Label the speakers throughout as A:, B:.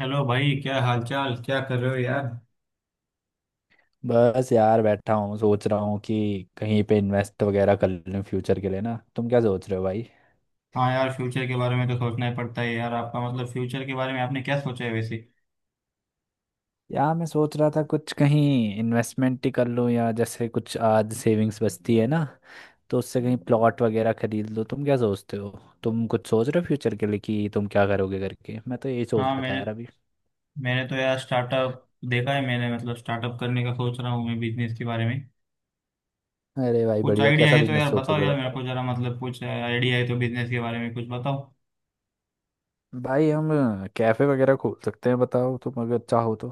A: Hello भाई, क्या हालचाल, क्या कर रहे हो यार।
B: बस यार बैठा हूँ सोच रहा हूँ कि कहीं पे इन्वेस्ट वगैरह कर लूँ फ्यूचर के लिए ना। तुम क्या सोच रहे हो भाई?
A: हाँ यार, फ्यूचर के बारे में तो सोचना ही पड़ता है यार। आपका मतलब फ्यूचर के बारे में आपने क्या सोचा है वैसे?
B: यार मैं सोच रहा था कुछ कहीं इन्वेस्टमेंट ही कर लूँ, या जैसे कुछ आज सेविंग्स बचती है ना तो उससे कहीं प्लॉट वगैरह खरीद लो। तुम क्या सोचते हो? तुम कुछ सोच रहे हो फ्यूचर के लिए कि तुम क्या करोगे करके? मैं तो यही सोच
A: हाँ,
B: रहा था
A: मैंने
B: यार अभी।
A: मैंने तो यार स्टार्टअप देखा है। मैंने मतलब स्टार्टअप करने का सोच रहा हूँ मैं, बिजनेस के बारे में।
B: अरे भाई
A: कुछ
B: बढ़िया,
A: आइडिया
B: कैसा
A: है तो
B: बिजनेस
A: यार बताओ,
B: सोचोगे
A: यार मेरे
B: बताओ।
A: को जरा। मतलब कुछ आइडिया है तो बिजनेस के बारे में कुछ बताओ।
B: भाई हम कैफे वगैरह खोल सकते हैं, बताओ तुम अगर चाहो तो।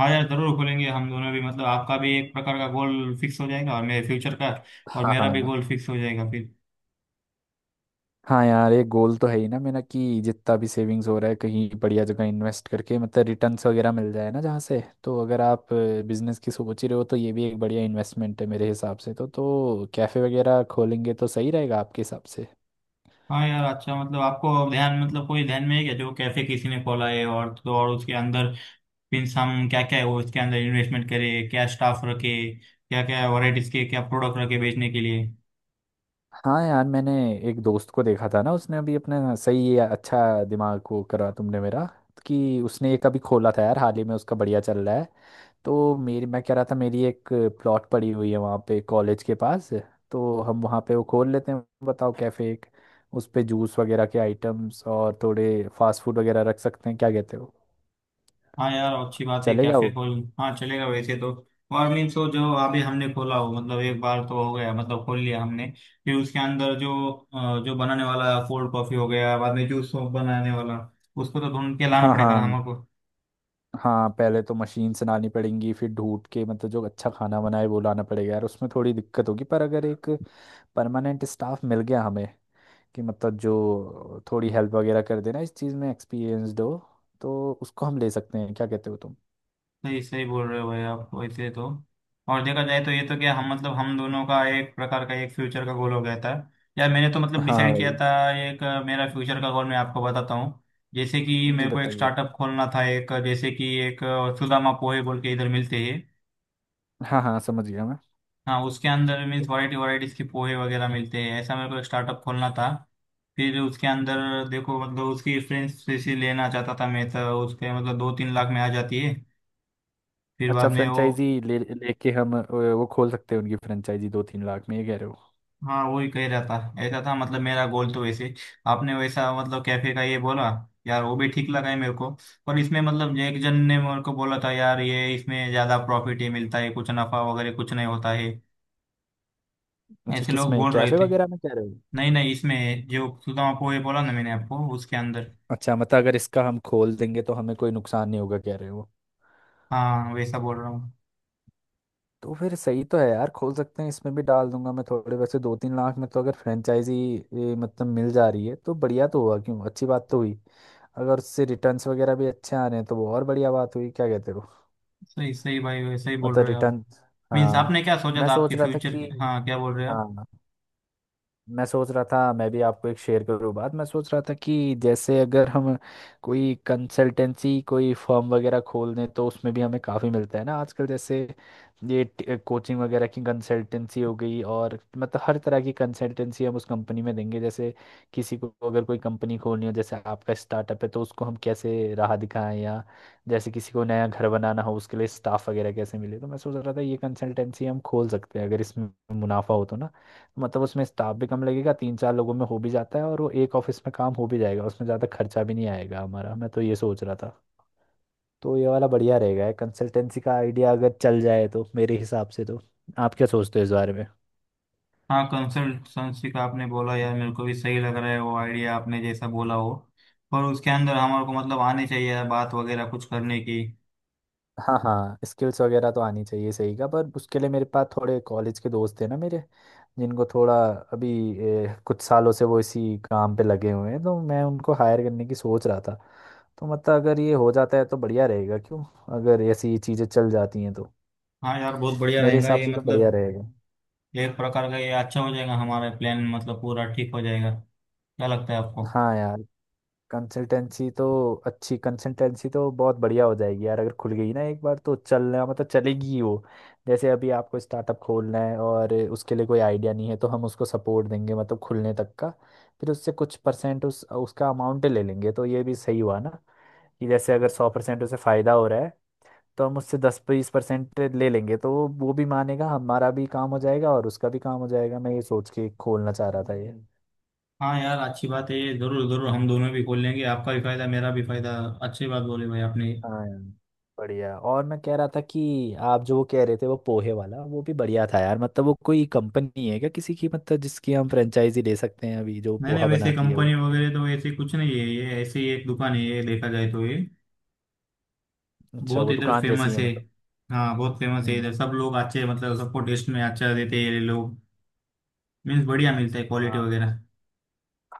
A: हाँ यार, जरूर खोलेंगे हम दोनों भी। मतलब आपका भी एक प्रकार का गोल फिक्स हो जाएगा और मेरे फ्यूचर का। और
B: हाँ
A: मेरा भी
B: हाँ।
A: गोल फिक्स हो जाएगा फिर।
B: हाँ यार, एक गोल तो है ही ना मेरा कि जितना भी सेविंग्स हो रहा है कहीं बढ़िया जगह इन्वेस्ट करके मतलब रिटर्न्स वगैरह मिल जाए ना जहाँ से। तो अगर आप बिजनेस की सोच रहे हो तो ये भी एक बढ़िया इन्वेस्टमेंट है मेरे हिसाब से तो कैफ़े वगैरह खोलेंगे तो सही रहेगा आपके हिसाब से?
A: हाँ यार, अच्छा, मतलब आपको ध्यान, मतलब कोई ध्यान में है क्या जो कैफे किसी ने खोला है? और तो और उसके अंदर मीन्स हम क्या क्या है वो इसके अंदर इन्वेस्टमेंट करें, क्या स्टाफ रखे, क्या क्या वैराइटीज के क्या प्रोडक्ट रखे बेचने के लिए।
B: हाँ यार, मैंने एक दोस्त को देखा था ना, उसने अभी अपना सही ये, अच्छा दिमाग को करा तुमने मेरा, कि उसने एक अभी खोला था यार हाल ही में, उसका बढ़िया चल रहा है। तो मेरी, मैं कह रहा था, मेरी एक प्लॉट पड़ी हुई है वहाँ पे कॉलेज के पास। तो हम वहाँ पे वो खोल लेते हैं, बताओ कैफे एक। उस पे जूस वगैरह के आइटम्स और थोड़े फास्ट फूड वगैरह रख सकते हैं, क्या कहते हो?
A: हाँ यार, अच्छी बात है,
B: चलेगा
A: कैफे
B: वो?
A: खोल। हाँ चलेगा, वैसे तो। और मीन्स वो जो अभी हमने खोला हो, मतलब एक बार तो हो गया, मतलब खोल लिया हमने। फिर उसके अंदर जो जो बनाने वाला कोल्ड कॉफी हो गया, बाद में जूस बनाने वाला उसको तो ढूंढ के लाना
B: हाँ
A: पड़ेगा ना
B: हाँ।
A: हमको।
B: हाँ पहले तो मशीन से लानी पड़ेंगी, फिर ढूंढ के मतलब जो अच्छा खाना बनाए वो लाना पड़ेगा यार, उसमें थोड़ी दिक्कत होगी। पर अगर एक परमानेंट स्टाफ मिल गया हमें कि मतलब जो थोड़ी हेल्प वगैरह कर देना, इस चीज़ में एक्सपीरियंसड हो, तो उसको हम ले सकते हैं। क्या कहते हो तुम?
A: सही सही बोल रहे हो भाई आप, वैसे तो। और देखा जाए तो ये तो क्या हम, मतलब हम दोनों का एक प्रकार का एक फ्यूचर का गोल हो गया था। यार मैंने तो मतलब
B: हाँ
A: डिसाइड किया
B: भाई।
A: था एक मेरा फ्यूचर का गोल मैं आपको बताता हूँ। जैसे कि
B: जी
A: मेरे को एक
B: बताइए।
A: स्टार्टअप खोलना था, एक जैसे कि एक सुदामा पोहे बोल के इधर मिलते हैं।
B: हाँ हाँ, समझ गया मैं।
A: हाँ, उसके अंदर मीन्स वैरायटीज के पोहे वगैरह मिलते हैं, ऐसा मेरे को एक स्टार्टअप खोलना था। फिर उसके अंदर देखो, मतलब उसकी रेफरेंस लेना चाहता था मैं। तो उसके मतलब 2-3 लाख में आ जाती है। फिर
B: अच्छा
A: बाद में वो,
B: फ्रेंचाइजी ले लेके हम वो खोल सकते हैं उनकी फ्रेंचाइजी, 2-3 लाख में, ये कह रहे हो?
A: हाँ वही कह रहा था, ऐसा था। मतलब मेरा गोल तो वैसे आपने वैसा मतलब कैफे का ये बोला, यार वो भी ठीक लगा है मेरे को। पर इसमें मतलब एक जन ने मेरे को बोला था यार, ये इसमें ज्यादा प्रॉफिट ही मिलता है, कुछ नफा वगैरह कुछ नहीं होता है,
B: अच्छा
A: ऐसे लोग
B: किसमें?
A: बोल रहे
B: कैफे
A: थे।
B: वगैरह में कह रहे हो?
A: नहीं नहीं, इसमें जो सुदामा पोहे बोला ना मैंने आपको उसके अंदर।
B: अच्छा मतलब अगर इसका हम खोल देंगे तो हमें कोई नुकसान नहीं होगा, कह रहे हो?
A: हाँ वैसा बोल रहा हूँ।
B: तो फिर सही तो है यार, खोल सकते हैं। इसमें भी डाल दूंगा मैं थोड़े, वैसे 2-3 लाख में तो अगर फ्रेंचाइजी ये मतलब मिल जा रही है तो बढ़िया तो हुआ क्यों, अच्छी बात तो हुई। अगर उससे रिटर्न्स वगैरह भी अच्छे आ रहे हैं तो वो और बढ़िया बात हुई, क्या कहते हो?
A: सही सही भाई वैसा ही बोल
B: मतलब
A: रहे हो आप।
B: रिटर्न।
A: मीन्स आपने क्या
B: हाँ।
A: सोचा
B: मैं
A: था
B: सोच
A: आपके
B: रहा था
A: फ्यूचर,
B: कि,
A: हाँ क्या बोल रहे हो आप?
B: हाँ, मैं सोच रहा था मैं भी आपको एक शेयर करूँ बात। मैं सोच रहा था कि जैसे अगर हम कोई कंसल्टेंसी कोई फर्म वगैरह खोल दें तो उसमें भी हमें काफ़ी मिलता है ना आजकल। जैसे ये कोचिंग वगैरह की कंसल्टेंसी हो गई, और मतलब हर तरह की कंसल्टेंसी हम उस कंपनी में देंगे। जैसे किसी को अगर कोई कंपनी खोलनी हो, जैसे आपका स्टार्टअप है, तो उसको हम कैसे राह दिखाएं। या जैसे किसी को नया घर बनाना हो उसके लिए स्टाफ वगैरह कैसे मिले। तो मैं सोच रहा था ये कंसल्टेंसी हम खोल सकते हैं, अगर इसमें मुनाफा हो तो ना। मतलब उसमें स्टाफ भी कम लगेगा, 3-4 लोगों में हो भी जाता है, और वो एक ऑफिस में काम हो भी जाएगा, उसमें ज़्यादा खर्चा भी नहीं आएगा हमारा। मैं तो ये सोच रहा था। तो ये वाला बढ़िया रहेगा कंसल्टेंसी का आइडिया, अगर चल जाए तो मेरे हिसाब से तो। आप क्या सोचते हो इस बारे में?
A: हाँ, कंसल्टेंसी का आपने बोला यार, मेरे को भी सही लग रहा है वो आइडिया आपने जैसा बोला हो। और उसके अंदर हमारे को मतलब आने चाहिए यार बात वगैरह कुछ करने की।
B: हाँ हाँ, स्किल्स वगैरह तो आनी चाहिए सही का। पर उसके लिए मेरे पास थोड़े कॉलेज के दोस्त हैं ना मेरे, जिनको थोड़ा अभी कुछ सालों से वो इसी काम पे लगे हुए हैं, तो मैं उनको हायर करने की सोच रहा था। तो मतलब अगर ये हो जाता है तो बढ़िया रहेगा क्यों, अगर ऐसी चीज़ें चल जाती हैं तो।
A: हाँ यार बहुत बढ़िया
B: मेरे
A: रहेगा
B: हिसाब
A: ये,
B: से तो बढ़िया
A: मतलब
B: रहेगा।
A: एक प्रकार का ये अच्छा हो जाएगा हमारा प्लान, मतलब पूरा ठीक हो जाएगा। क्या लगता है आपको?
B: हाँ यार, कंसल्टेंसी तो, अच्छी कंसल्टेंसी तो बहुत बढ़िया हो जाएगी यार अगर खुल गई ना एक बार तो, चलना मतलब चलेगी ही वो। जैसे अभी आपको स्टार्टअप खोलना है और उसके लिए कोई आइडिया नहीं है, तो हम उसको सपोर्ट देंगे मतलब खुलने तक का। फिर उससे कुछ परसेंट उस उसका अमाउंट ले लेंगे, तो ये भी सही हुआ ना। कि जैसे अगर 100% उसे फ़ायदा हो रहा है तो हम उससे 10-20% ले लेंगे, तो वो भी मानेगा, हमारा भी काम हो जाएगा और उसका भी काम हो जाएगा। मैं ये सोच के खोलना चाह रहा था ये।
A: हाँ यार अच्छी बात है ये, जरूर जरूर हम दोनों भी खोल लेंगे, आपका भी फायदा मेरा भी फायदा। अच्छी बात बोली भाई आपने।
B: हाँ यार, बढ़िया। और मैं कह रहा था कि आप जो वो कह रहे थे वो पोहे वाला, वो भी बढ़िया था यार। मतलब वो कोई कंपनी है क्या किसी की, मतलब जिसकी हम फ्रेंचाइजी ले सकते हैं, अभी जो
A: नहीं नहीं,
B: पोहा
A: वैसे
B: बनाती है वो?
A: कंपनी वगैरह तो ऐसे कुछ नहीं है, ये ऐसे ही एक दुकान है ये, देखा जाए तो ये
B: अच्छा
A: बहुत
B: वो
A: इधर
B: दुकान जैसी
A: फेमस
B: है
A: है।
B: मतलब।
A: हाँ बहुत फेमस है
B: हम्म।
A: इधर, सब लोग अच्छे, मतलब सबको टेस्ट में अच्छा देते हैं ये लोग। मीन्स बढ़िया मिलता है क्वालिटी
B: हाँ
A: वगैरह।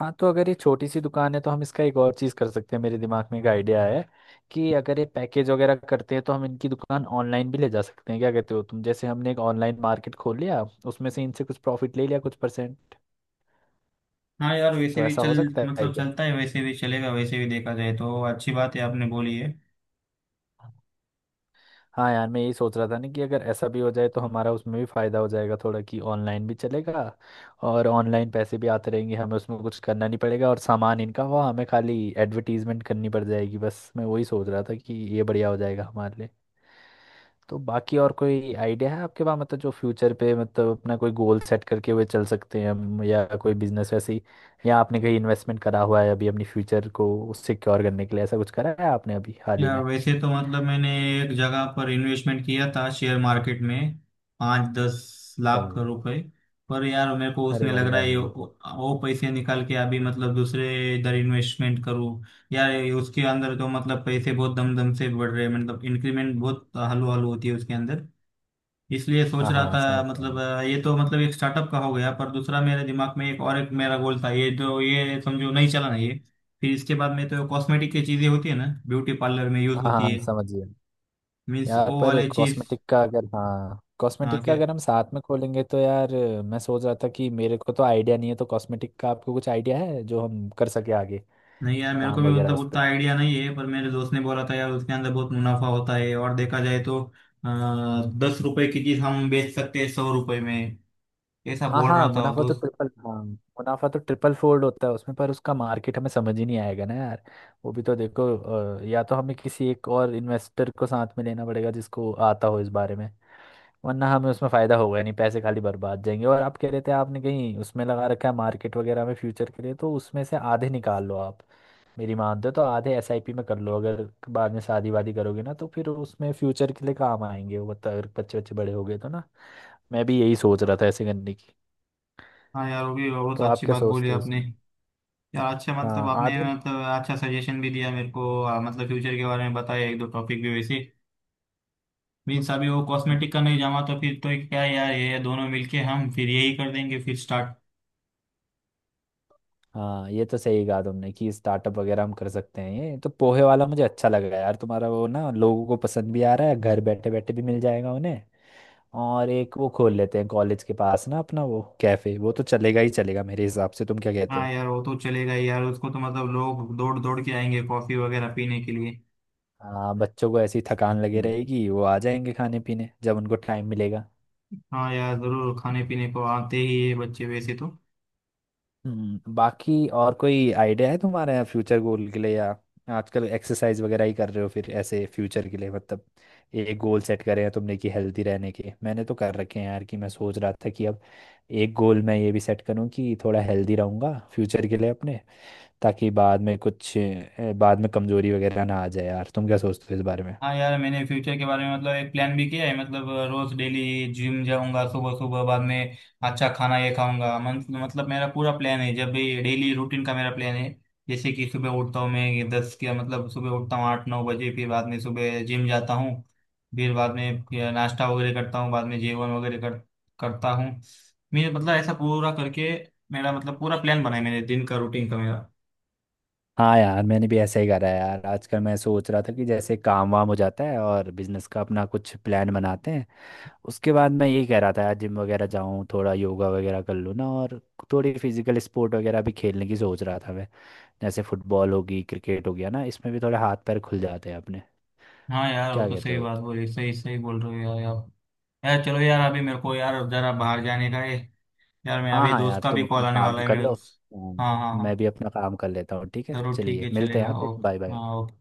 B: हाँ, तो अगर ये छोटी सी दुकान है तो हम इसका एक और चीज़ कर सकते हैं, मेरे दिमाग में एक आइडिया है। कि अगर ये पैकेज वगैरह करते हैं तो हम इनकी दुकान ऑनलाइन भी ले जा सकते हैं। क्या कहते हो तुम? जैसे हमने एक ऑनलाइन मार्केट खोल लिया, उसमें से इनसे कुछ प्रॉफिट ले लिया कुछ परसेंट।
A: हाँ यार वैसे
B: तो
A: भी
B: ऐसा
A: चल,
B: हो सकता है
A: मतलब
B: क्या?
A: चलता है, वैसे भी चलेगा, वैसे भी देखा जाए तो अच्छी बात है आपने बोली है।
B: हाँ यार, मैं यही सोच रहा था ना कि अगर ऐसा भी हो जाए तो हमारा उसमें भी फ़ायदा हो जाएगा थोड़ा, कि ऑनलाइन भी चलेगा और ऑनलाइन पैसे भी आते रहेंगे हमें, उसमें कुछ करना नहीं पड़ेगा और सामान इनका हुआ, हमें खाली एडवर्टीजमेंट करनी पड़ जाएगी बस। मैं वही सोच रहा था कि ये बढ़िया हो जाएगा हमारे लिए। तो बाकी और कोई आइडिया है आपके पास मतलब, जो फ्यूचर पे मतलब अपना कोई गोल सेट करके हुए चल सकते हैं हम, या कोई बिजनेस वैसे ही, या आपने कहीं इन्वेस्टमेंट करा हुआ है अभी अपनी फ्यूचर को सिक्योर करने के लिए? ऐसा कुछ करा है आपने अभी हाल ही
A: यार
B: में?
A: वैसे तो मतलब मैंने एक जगह पर इन्वेस्टमेंट किया था शेयर मार्केट में, पाँच दस
B: अच्छा
A: लाख
B: भाई।
A: रुपए पर यार मेरे को
B: अरे
A: उसमें लग रहा
B: बढ़िया
A: है ये
B: भाई।
A: वो पैसे निकाल के अभी मतलब दूसरे इधर इन्वेस्टमेंट करूँ। यार ये उसके अंदर तो मतलब पैसे बहुत दम दम से बढ़ रहे हैं, मतलब इंक्रीमेंट बहुत हलू हलू होती है उसके अंदर। इसलिए सोच
B: हाँ
A: रहा
B: हाँ
A: था,
B: समझ गया
A: मतलब
B: मैं।
A: ये तो मतलब एक स्टार्टअप का हो गया, पर दूसरा मेरे दिमाग में एक और एक मेरा गोल था ये, जो ये समझो नहीं चला ना ये। फिर इसके बाद में तो कॉस्मेटिक की चीजें होती है ना, ब्यूटी पार्लर में यूज
B: हाँ हाँ
A: होती
B: हाँ,
A: है।
B: समझ गया।
A: मीन्स
B: यार
A: वो
B: पर
A: वाले चीज।
B: कॉस्मेटिक का अगर, हाँ
A: हाँ
B: कॉस्मेटिक का
A: क्या?
B: अगर हम साथ में खोलेंगे तो यार, मैं सोच रहा था कि मेरे को तो आइडिया नहीं है, तो कॉस्मेटिक का आपको कुछ आइडिया है जो हम कर सके आगे
A: नहीं यार मेरे को
B: काम
A: भी
B: वगैरह
A: मतलब
B: उस पे?
A: उतना आइडिया नहीं है, पर मेरे दोस्त ने बोला था यार उसके अंदर बहुत मुनाफा होता है, और देखा जाए तो 10 रुपए की चीज हम बेच सकते हैं 100 रुपए में, ऐसा
B: हाँ
A: बोल रहा
B: हाँ
A: था वो
B: मुनाफा तो
A: दोस्त।
B: ट्रिपल, हाँ मुनाफा तो ट्रिपल फोल्ड होता है उसमें, पर उसका मार्केट हमें समझ ही नहीं आएगा ना यार। वो भी तो देखो या तो हमें किसी एक और इन्वेस्टर को साथ में लेना पड़ेगा जिसको आता हो इस बारे में, वरना हमें उसमें फायदा होगा नहीं, पैसे खाली बर्बाद जाएंगे। और आप कह रहे थे आपने कहीं उसमें लगा रखा है मार्केट वगैरह में फ्यूचर के लिए, तो उसमें से आधे निकाल लो आप। मेरी मान दो तो आधे एसआईपी में कर लो, अगर बाद में शादी वादी करोगे ना तो फिर उसमें फ्यूचर के लिए काम आएंगे वो, अगर बच्चे बच्चे बड़े हो गए तो ना। मैं भी यही सोच रहा था ऐसे करने की।
A: हाँ यार वो भी बहुत
B: तो आप
A: अच्छी
B: क्या
A: बात बोली
B: सोचते हो
A: आपने।
B: इसमें?
A: यार अच्छा, मतलब
B: हाँ
A: आपने
B: आधे।
A: मतलब अच्छा सजेशन भी दिया मेरे को मतलब फ्यूचर के बारे में बताया एक दो टॉपिक भी वैसे। मीन्स अभी वो कॉस्मेटिक का
B: हाँ।
A: नहीं जमा, तो फिर तो क्या यार, ये दोनों मिलके हम फिर यही कर देंगे, फिर स्टार्ट।
B: हाँ ये तो सही कहा तुमने कि स्टार्टअप वगैरह हम कर सकते हैं। ये तो पोहे वाला मुझे अच्छा लगा यार तुम्हारा वो ना, लोगों को पसंद भी आ रहा है, घर बैठे बैठे भी मिल जाएगा उन्हें। और एक वो खोल लेते हैं कॉलेज के पास ना अपना वो कैफे, वो तो चलेगा ही चलेगा मेरे हिसाब से। तुम क्या कहते
A: हाँ
B: हो?
A: यार वो तो चलेगा ही यार, उसको तो मतलब लोग दौड़ दौड़ के आएंगे कॉफी वगैरह पीने के लिए।
B: हाँ बच्चों को ऐसी थकान लगे रहेगी, वो आ जाएंगे खाने पीने जब उनको टाइम मिलेगा।
A: हाँ यार जरूर, खाने पीने को आते ही है बच्चे वैसे तो।
B: बाकी और कोई आइडिया है तुम्हारे फ्यूचर गोल के लिए? या आजकल एक्सरसाइज वगैरह ही कर रहे हो फिर ऐसे फ्यूचर के लिए मतलब, एक गोल सेट करे हैं तुमने कि हेल्दी रहने के? मैंने तो कर रखे हैं यार, कि मैं सोच रहा था कि अब एक गोल मैं ये भी सेट करूं कि थोड़ा हेल्दी रहूंगा फ्यूचर के लिए अपने, ताकि बाद में कुछ बाद में कमजोरी वगैरह ना आ जाए यार। तुम क्या सोचते हो इस बारे में?
A: हाँ यार मैंने फ्यूचर के बारे में मतलब एक प्लान भी किया है, मतलब रोज डेली जिम जाऊंगा सुबह सुबह, बाद में अच्छा खाना ये खाऊंगा, मतलब मेरा पूरा प्लान है जब भी, डेली रूटीन का मेरा प्लान है। जैसे कि सुबह उठता हूँ मैं ये दस के, मतलब सुबह उठता हूँ 8-9 बजे, फिर बाद में सुबह जिम जाता हूँ, फिर बाद में फिर नाश्ता वगैरह करता हूँ, बाद में जेवन वगैरह करता हूँ। मेरे मतलब ऐसा पूरा करके मेरा मतलब पूरा प्लान बना है मेरे दिन का, रूटीन का मेरा।
B: हाँ यार, मैंने भी ऐसा ही करा है यार आजकल। मैं सोच रहा था कि जैसे काम वाम हो जाता है और बिजनेस का अपना कुछ प्लान बनाते हैं उसके बाद, मैं यही कह रहा था यार जिम वगैरह जाऊँ थोड़ा, योगा वगैरह कर लूँ ना, और थोड़ी फिजिकल स्पोर्ट वगैरह भी खेलने की सोच रहा था मैं। जैसे फुटबॉल होगी, क्रिकेट हो गया ना, इसमें भी थोड़े हाथ पैर खुल जाते हैं अपने।
A: हाँ यार वो
B: क्या
A: तो
B: कहते
A: सही
B: हो?
A: बात बोली, सही सही बोल रहे हो यार आप। यार चलो यार अभी मेरे को यार जरा बाहर जाने का है यार, मैं
B: हाँ
A: अभी
B: हाँ
A: दोस्त
B: यार
A: का
B: तुम
A: भी कॉल
B: अपना
A: आने वाला
B: काम
A: है,
B: कर
A: मैं
B: लो,
A: उस,
B: हाँ,
A: हाँ हाँ
B: मैं
A: हाँ।
B: भी अपना काम कर लेता हूँ। ठीक है,
A: जरूर, ठीक
B: चलिए
A: है,
B: मिलते हैं,
A: चलेगा,
B: आप
A: ओके,
B: बाय बाय।
A: हाँ ओके।